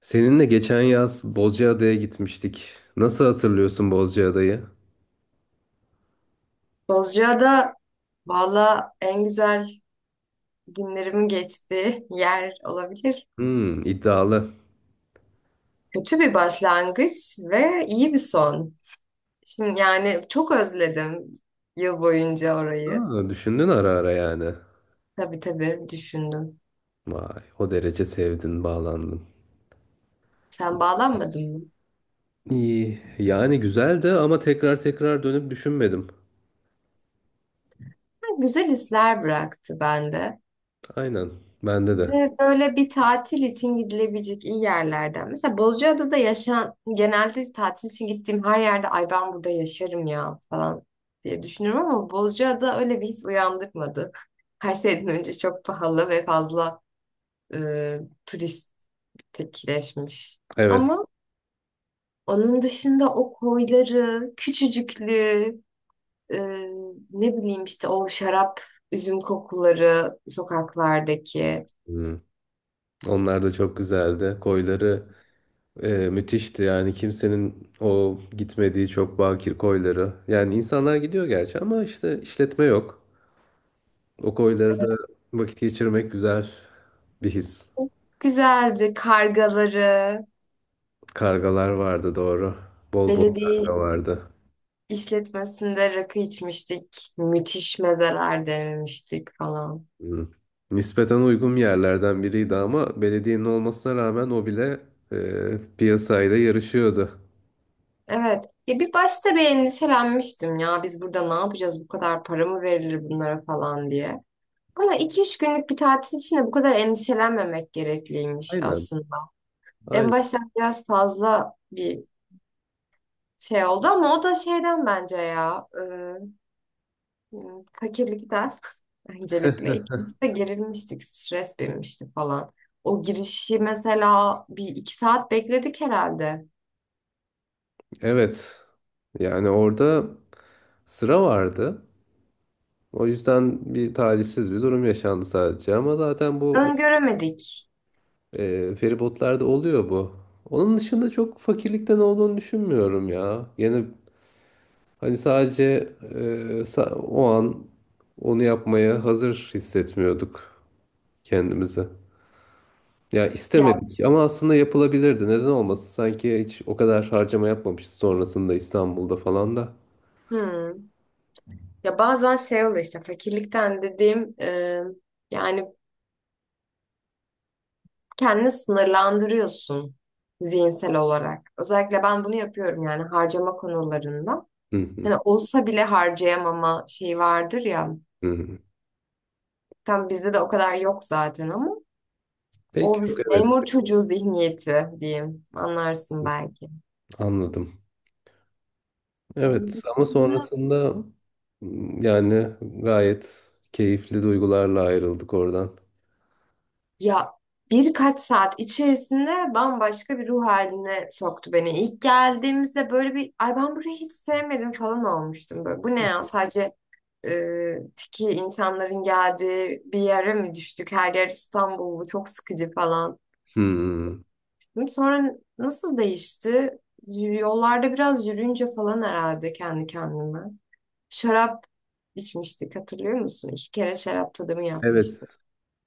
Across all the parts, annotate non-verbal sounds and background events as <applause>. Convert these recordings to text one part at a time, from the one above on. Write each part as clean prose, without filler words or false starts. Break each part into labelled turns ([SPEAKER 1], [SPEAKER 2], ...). [SPEAKER 1] Seninle geçen yaz Bozcaada'ya gitmiştik. Nasıl hatırlıyorsun Bozcaada'yı?
[SPEAKER 2] Bozcaada valla en güzel günlerimin geçtiği yer olabilir.
[SPEAKER 1] Hmm, iddialı.
[SPEAKER 2] Kötü bir başlangıç ve iyi bir son. Şimdi yani çok özledim yıl boyunca orayı.
[SPEAKER 1] Aa, düşündün ara ara yani.
[SPEAKER 2] Tabii tabii düşündüm.
[SPEAKER 1] Vay, o derece sevdin, bağlandın.
[SPEAKER 2] Sen bağlanmadın mı?
[SPEAKER 1] İyi, yani güzeldi ama tekrar tekrar dönüp düşünmedim.
[SPEAKER 2] Ha, güzel hisler bıraktı bende.
[SPEAKER 1] Aynen, bende de.
[SPEAKER 2] Ve böyle bir tatil için gidilebilecek iyi yerlerden. Mesela Bozcaada'da yaşayan, genelde tatil için gittiğim her yerde ay ben burada yaşarım ya falan diye düşünüyorum ama Bozcaada öyle bir his uyandırmadı. <laughs> Her şeyden önce çok pahalı ve fazla e, turistikleşmiş.
[SPEAKER 1] Evet.
[SPEAKER 2] Ama onun dışında o koyları, küçücüklüğü, e, ne bileyim işte o şarap, üzüm kokuları sokaklardaki.
[SPEAKER 1] Hmm, onlar da çok güzeldi. Koyları müthişti yani kimsenin o gitmediği çok bakir koyları. Yani insanlar gidiyor gerçi ama işte işletme yok. O koylarda vakit geçirmek güzel bir his.
[SPEAKER 2] Güzeldi. Kargaları,
[SPEAKER 1] Kargalar vardı doğru. Bol bol karga
[SPEAKER 2] belediye
[SPEAKER 1] vardı.
[SPEAKER 2] işletmesinde rakı içmiştik. Müthiş mezeler denemiştik falan.
[SPEAKER 1] Hı. Nispeten uygun yerlerden biriydi ama belediyenin olmasına rağmen o bile piyasayla yarışıyordu.
[SPEAKER 2] Evet. Ya bir başta bir endişelenmiştim ya biz burada ne yapacağız bu kadar para mı verilir bunlara falan diye. Ama 2-3 günlük bir tatil için de bu kadar endişelenmemek gerekliymiş
[SPEAKER 1] Aynen.
[SPEAKER 2] aslında. En
[SPEAKER 1] Aynen.
[SPEAKER 2] başta biraz fazla bir şey oldu ama o da şeyden bence ya. Yani fakirlikten <laughs> öncelikle ikimiz de gerilmiştik, stres binmişti falan. O girişi mesela 1-2 saat bekledik herhalde.
[SPEAKER 1] Evet. Yani orada sıra vardı. O yüzden bir talihsiz bir durum yaşandı sadece. Ama zaten
[SPEAKER 2] Öngöremedik.
[SPEAKER 1] feribotlarda oluyor bu. Onun dışında çok fakirlikten olduğunu düşünmüyorum ya. Yine hani sadece o an onu yapmaya hazır hissetmiyorduk kendimizi. Ya
[SPEAKER 2] Ya,
[SPEAKER 1] istemedik ama aslında yapılabilirdi. Neden olmasın? Sanki hiç o kadar harcama yapmamışız sonrasında İstanbul'da falan da.
[SPEAKER 2] hmm. Ya bazen şey oluyor işte fakirlikten dediğim yani kendini sınırlandırıyorsun zihinsel olarak. Özellikle ben bunu yapıyorum yani harcama konularında.
[SPEAKER 1] Hı hı,
[SPEAKER 2] Hani olsa bile harcayamama şeyi vardır ya.
[SPEAKER 1] hı. Hı.
[SPEAKER 2] Tam bizde de o kadar yok zaten ama.
[SPEAKER 1] Peki
[SPEAKER 2] O
[SPEAKER 1] yok,
[SPEAKER 2] biz
[SPEAKER 1] evet,
[SPEAKER 2] memur çocuğu zihniyeti diyeyim. Anlarsın belki.
[SPEAKER 1] anladım.
[SPEAKER 2] Onun
[SPEAKER 1] Evet ama
[SPEAKER 2] dışında
[SPEAKER 1] sonrasında yani gayet keyifli duygularla ayrıldık oradan.
[SPEAKER 2] ya birkaç saat içerisinde bambaşka bir ruh haline soktu beni. İlk geldiğimizde böyle bir ay ben burayı hiç sevmedim falan olmuştum. Böyle, bu ne ya sadece tiki insanların geldiği bir yere mi düştük? Her yer İstanbul bu çok sıkıcı falan,
[SPEAKER 1] Hı.
[SPEAKER 2] dedim. Sonra nasıl değişti? Yollarda biraz yürüyünce falan herhalde kendi kendime. Şarap içmiştik hatırlıyor musun? 2 kere şarap tadımı
[SPEAKER 1] Evet.
[SPEAKER 2] yapmıştık.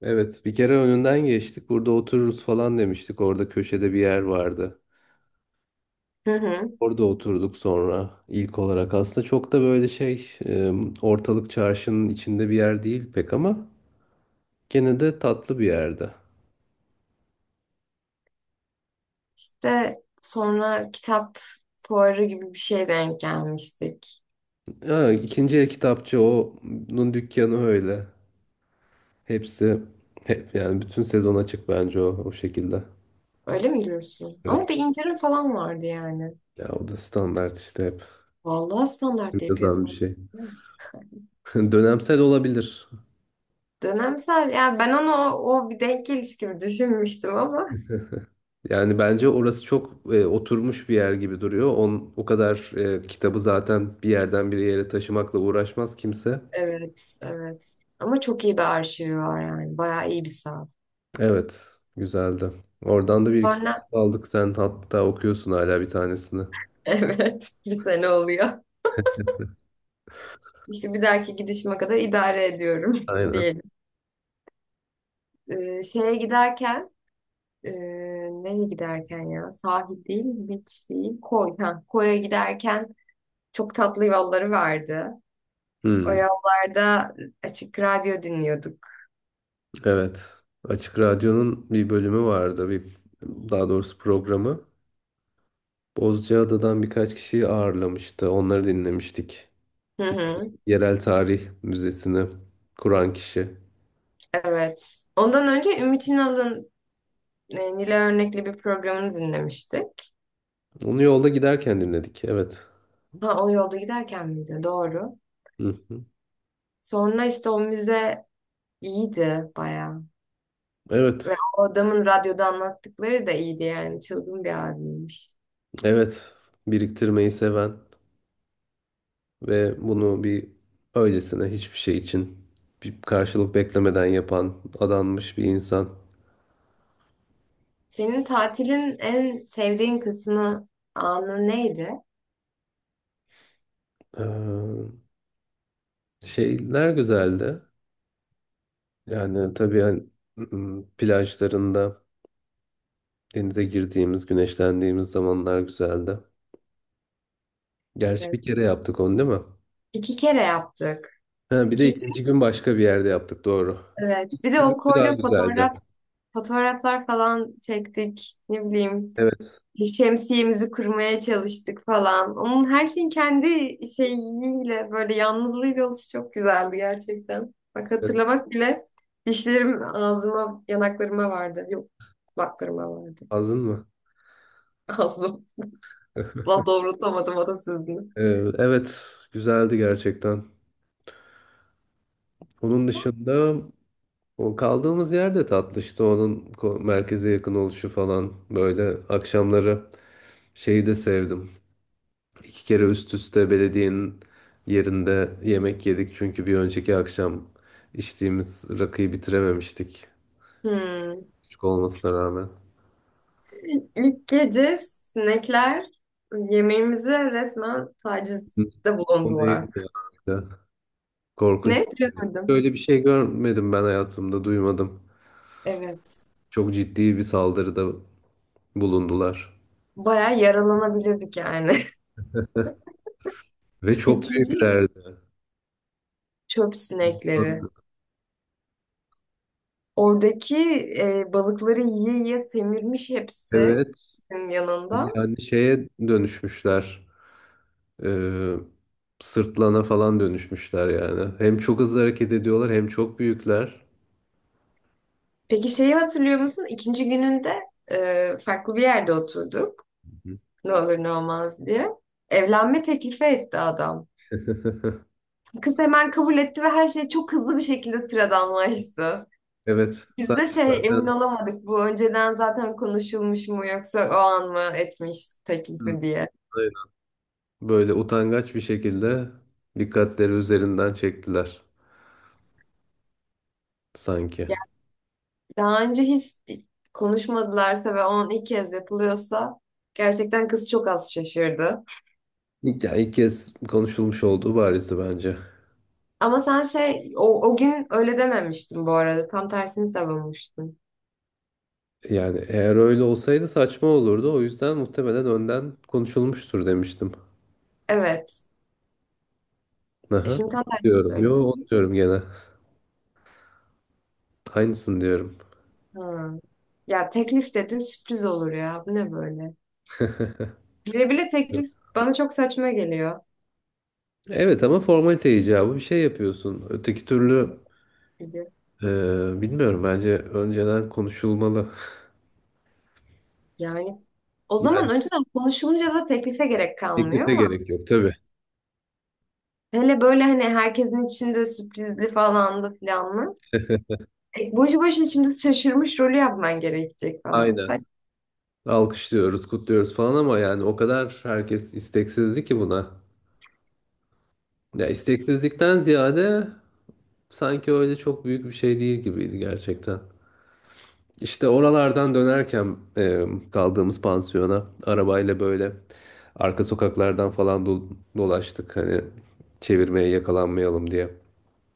[SPEAKER 1] Evet, bir kere önünden geçtik. Burada otururuz falan demiştik. Orada köşede bir yer vardı.
[SPEAKER 2] Hı hı.
[SPEAKER 1] Orada oturduk sonra ilk olarak. Aslında çok da böyle ortalık çarşının içinde bir yer değil pek ama gene de tatlı bir yerde.
[SPEAKER 2] İşte sonra kitap fuarı gibi bir şeye denk gelmiştik.
[SPEAKER 1] Ha, ikinci el kitapçı onun dükkanı öyle. Hepsi hep yani bütün sezon açık bence o şekilde.
[SPEAKER 2] Öyle mi diyorsun?
[SPEAKER 1] Evet.
[SPEAKER 2] Ama bir indirim falan vardı yani.
[SPEAKER 1] Ya o da standart işte hep
[SPEAKER 2] Vallahi standart diye
[SPEAKER 1] yazan bir
[SPEAKER 2] piyasada.
[SPEAKER 1] şey. <laughs> Dönemsel olabilir.
[SPEAKER 2] Dönemsel. Yani ben onu o bir denk geliş gibi düşünmüştüm ama.
[SPEAKER 1] Yani bence orası çok oturmuş bir yer gibi duruyor. O kadar kitabı zaten bir yerden bir yere taşımakla uğraşmaz kimse.
[SPEAKER 2] Evet, evet. Ama çok iyi bir arşivi var yani. Bayağı iyi bir saat.
[SPEAKER 1] Evet, güzeldi. Oradan da bir iki
[SPEAKER 2] Sonra
[SPEAKER 1] kitap
[SPEAKER 2] <laughs>
[SPEAKER 1] aldık. Sen hatta okuyorsun hala bir tanesini.
[SPEAKER 2] evet bir sene oluyor. İşte bir dahaki gidişime kadar idare ediyorum <laughs>
[SPEAKER 1] Aynen.
[SPEAKER 2] diyelim. Şeye giderken e, nereye giderken ya sahil değil beach değil koy ha, koya giderken çok tatlı yolları vardı. O
[SPEAKER 1] Hmm,
[SPEAKER 2] yollarda açık radyo dinliyorduk.
[SPEAKER 1] evet. Açık Radyo'nun bir bölümü vardı. Daha doğrusu programı. Bozcaada'dan birkaç kişiyi ağırlamıştı. Onları dinlemiştik.
[SPEAKER 2] Hı hı,
[SPEAKER 1] Yerel Tarih Müzesi'ni kuran kişi.
[SPEAKER 2] evet. Ondan önce Ümit Ünal'ın Nile Örnekli bir programını dinlemiştik.
[SPEAKER 1] Onu yolda giderken dinledik. Evet.
[SPEAKER 2] Ha o yolda giderken miydi? Doğru.
[SPEAKER 1] Hı.
[SPEAKER 2] Sonra işte o müze iyiydi bayağı. Ve
[SPEAKER 1] Evet,
[SPEAKER 2] o adamın radyoda anlattıkları da iyiydi yani. Çılgın bir abiymiş.
[SPEAKER 1] evet. Biriktirmeyi seven ve bunu bir öylesine hiçbir şey için bir karşılık beklemeden yapan adanmış bir insan.
[SPEAKER 2] Senin tatilin en sevdiğin kısmı anı neydi?
[SPEAKER 1] Ee, Şeyler güzeldi. Yani tabii hani, plajlarında denize girdiğimiz, güneşlendiğimiz zamanlar güzeldi. Gerçi
[SPEAKER 2] Evet.
[SPEAKER 1] bir kere yaptık onu değil mi?
[SPEAKER 2] 2 kere yaptık.
[SPEAKER 1] Ha, bir de
[SPEAKER 2] İki,
[SPEAKER 1] ikinci gün başka bir yerde yaptık doğru.
[SPEAKER 2] evet. Bir de o
[SPEAKER 1] Günkü daha
[SPEAKER 2] koyduğu
[SPEAKER 1] güzeldi.
[SPEAKER 2] fotoğraflar falan çektik. Ne bileyim.
[SPEAKER 1] Evet.
[SPEAKER 2] Bir şemsiyemizi kurmaya çalıştık falan. Onun her şeyin kendi şeyiyle böyle yalnızlığıyla oluşu çok güzeldi gerçekten. Bak
[SPEAKER 1] Evet.
[SPEAKER 2] hatırlamak bile dişlerim ağzıma, yanaklarıma vardı. Yok, kulaklarıma vardı.
[SPEAKER 1] Hazın mı?
[SPEAKER 2] <laughs> Ağzım.
[SPEAKER 1] <laughs>
[SPEAKER 2] La doğrultamadım atasözünü.
[SPEAKER 1] Ee, Evet, güzeldi gerçekten. Onun dışında o kaldığımız yerde tatlı işte merkeze yakın oluşu falan böyle akşamları şeyi de sevdim. İki kere üst üste belediyenin yerinde yemek yedik çünkü bir önceki akşam içtiğimiz rakıyı bitirememiştik
[SPEAKER 2] Hmm.
[SPEAKER 1] küçük olmasına rağmen.
[SPEAKER 2] İlk gece sinekler yemeğimize resmen
[SPEAKER 1] Hı,
[SPEAKER 2] tacizde
[SPEAKER 1] o
[SPEAKER 2] bulundular.
[SPEAKER 1] neydi ya? İşte korkunç.
[SPEAKER 2] Ne? Bilemedim.
[SPEAKER 1] Böyle bir şey görmedim ben hayatımda, duymadım.
[SPEAKER 2] Evet.
[SPEAKER 1] Çok ciddi bir saldırıda bulundular.
[SPEAKER 2] Bayağı yaralanabilirdik yani.
[SPEAKER 1] Ve
[SPEAKER 2] <laughs>
[SPEAKER 1] çok
[SPEAKER 2] İkinci
[SPEAKER 1] büyüklerdi.
[SPEAKER 2] çöp sinekleri.
[SPEAKER 1] Nasıl?
[SPEAKER 2] Oradaki balıkları yiye yiye semirmiş hepsi
[SPEAKER 1] Evet.
[SPEAKER 2] benim yanında.
[SPEAKER 1] Yani şeye dönüşmüşler. Ee, Sırtlana falan dönüşmüşler yani. Hem çok hızlı hareket ediyorlar hem çok büyükler.
[SPEAKER 2] Peki şeyi hatırlıyor musun? İkinci gününde farklı bir yerde oturduk.
[SPEAKER 1] Hı.
[SPEAKER 2] Ne olur ne olmaz diye. Evlenme teklifi etti adam.
[SPEAKER 1] <laughs>
[SPEAKER 2] Kız hemen kabul etti ve her şey çok hızlı bir şekilde sıradanlaştı.
[SPEAKER 1] Evet,
[SPEAKER 2] Biz de
[SPEAKER 1] sanki
[SPEAKER 2] şey emin
[SPEAKER 1] zaten
[SPEAKER 2] olamadık bu önceden zaten konuşulmuş mu yoksa o an mı etmiş
[SPEAKER 1] hı,
[SPEAKER 2] teklifi diye.
[SPEAKER 1] aynen, böyle utangaç bir şekilde dikkatleri üzerinden çektiler sanki.
[SPEAKER 2] Yani daha önce hiç konuşmadılarsa ve on ilk kez yapılıyorsa gerçekten kız çok az şaşırdı.
[SPEAKER 1] İlk, yani ilk kez konuşulmuş olduğu barizdi bence.
[SPEAKER 2] Ama sen şey o gün öyle dememiştin bu arada. Tam tersini savunmuştun.
[SPEAKER 1] Yani eğer öyle olsaydı saçma olurdu. O yüzden muhtemelen önden konuşulmuştur demiştim.
[SPEAKER 2] Evet. E
[SPEAKER 1] Aha,
[SPEAKER 2] şimdi tam
[SPEAKER 1] onu
[SPEAKER 2] tersini
[SPEAKER 1] diyorum. Yo, onu
[SPEAKER 2] söylüyorsun.
[SPEAKER 1] diyorum gene. Aynısını diyorum.
[SPEAKER 2] Ha. Ya teklif dedin sürpriz olur ya. Bu ne böyle? Bile bile teklif bana çok saçma geliyor.
[SPEAKER 1] Evet ama formalite icabı bir şey yapıyorsun. Öteki türlü
[SPEAKER 2] Dedi.
[SPEAKER 1] e, bilmiyorum bence önceden konuşulmalı. <laughs>
[SPEAKER 2] Yani o zaman
[SPEAKER 1] Yani
[SPEAKER 2] önceden konuşulunca da teklife gerek kalmıyor
[SPEAKER 1] teklife
[SPEAKER 2] ama
[SPEAKER 1] gerek yok tabii.
[SPEAKER 2] hele böyle hani herkesin içinde sürprizli falandı filanlı. E, boşu boşuna şimdi şaşırmış rolü yapman gerekecek falan.
[SPEAKER 1] Aynen. Alkışlıyoruz, kutluyoruz falan ama yani o kadar herkes isteksizdi ki buna. Ya isteksizlikten ziyade sanki öyle çok büyük bir şey değil gibiydi gerçekten. İşte oralardan dönerken kaldığımız pansiyona arabayla böyle arka sokaklardan falan dolaştık hani çevirmeye yakalanmayalım diye.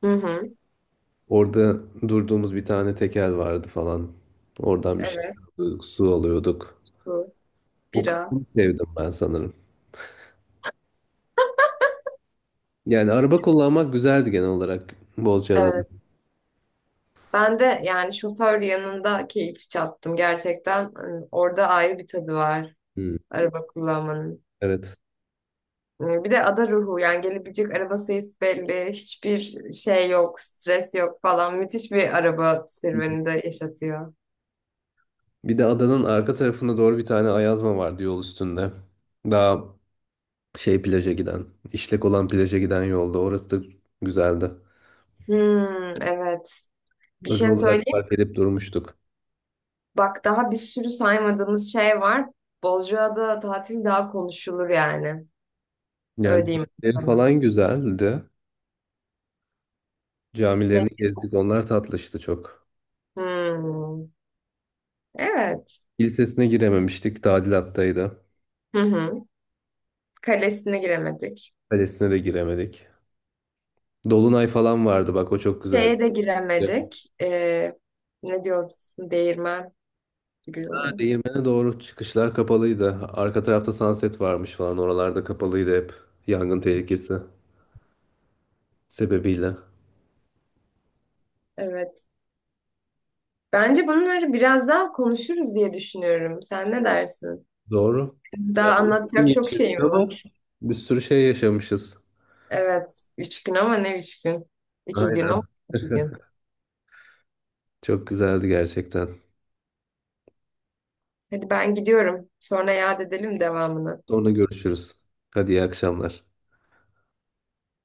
[SPEAKER 2] Hı hı.
[SPEAKER 1] Orada durduğumuz bir tane tekel vardı falan. Oradan bir şey
[SPEAKER 2] Evet
[SPEAKER 1] alıyorduk, su alıyorduk.
[SPEAKER 2] bu
[SPEAKER 1] O
[SPEAKER 2] bira.
[SPEAKER 1] kısmını sevdim ben sanırım. Yani araba kullanmak güzeldi genel olarak Bozcaada'da.
[SPEAKER 2] Evet. Ben de yani şoför yanında keyif çattım gerçekten. Hani orada ayrı bir tadı var
[SPEAKER 1] Hmm,
[SPEAKER 2] araba kullanmanın.
[SPEAKER 1] evet.
[SPEAKER 2] Bir de ada ruhu yani gelebilecek araba sayısı belli. Hiçbir şey yok, stres yok falan. Müthiş bir araba serüveni de yaşatıyor.
[SPEAKER 1] Bir de adanın arka tarafına doğru bir tane ayazma vardı yol üstünde. Daha şey plaja giden, işlek olan plaja giden yolda. Orası da güzeldi.
[SPEAKER 2] Hmm, evet. Bir
[SPEAKER 1] Özel
[SPEAKER 2] şey
[SPEAKER 1] olarak
[SPEAKER 2] söyleyeyim.
[SPEAKER 1] park edip durmuştuk.
[SPEAKER 2] Bak daha bir sürü saymadığımız şey var. Bozcaada tatil daha konuşulur yani.
[SPEAKER 1] Yani
[SPEAKER 2] Öyle diyeyim
[SPEAKER 1] camileri
[SPEAKER 2] sana.
[SPEAKER 1] falan güzeldi.
[SPEAKER 2] Ne?
[SPEAKER 1] Camilerini gezdik. Onlar tatlıştı çok.
[SPEAKER 2] Hmm, evet.
[SPEAKER 1] Kilisesine girememiştik. Tadilattaydı.
[SPEAKER 2] Hı hı. Kalesine giremedik.
[SPEAKER 1] Kalesine de giremedik. Dolunay falan vardı bak o çok güzeldi.
[SPEAKER 2] Şeye de giremedik. Ne diyorsun? Değirmen gibi
[SPEAKER 1] Ha,
[SPEAKER 2] olan.
[SPEAKER 1] değirmene doğru çıkışlar kapalıydı. Arka tarafta sunset varmış falan. Oralarda kapalıydı hep. Yangın tehlikesi sebebiyle.
[SPEAKER 2] Evet. Bence bunları biraz daha konuşuruz diye düşünüyorum. Sen ne dersin?
[SPEAKER 1] Doğru. Yani
[SPEAKER 2] Daha
[SPEAKER 1] üç gün
[SPEAKER 2] anlatacak çok
[SPEAKER 1] geçirdik
[SPEAKER 2] şeyim
[SPEAKER 1] ama
[SPEAKER 2] var.
[SPEAKER 1] bir sürü şey yaşamışız.
[SPEAKER 2] Evet, 3 gün ama ne 3 gün? 2 gün ama
[SPEAKER 1] Aynen.
[SPEAKER 2] 2 gün.
[SPEAKER 1] <laughs> Çok güzeldi gerçekten.
[SPEAKER 2] Hadi ben gidiyorum. Sonra yad edelim devamını.
[SPEAKER 1] Sonra görüşürüz. Hadi iyi akşamlar.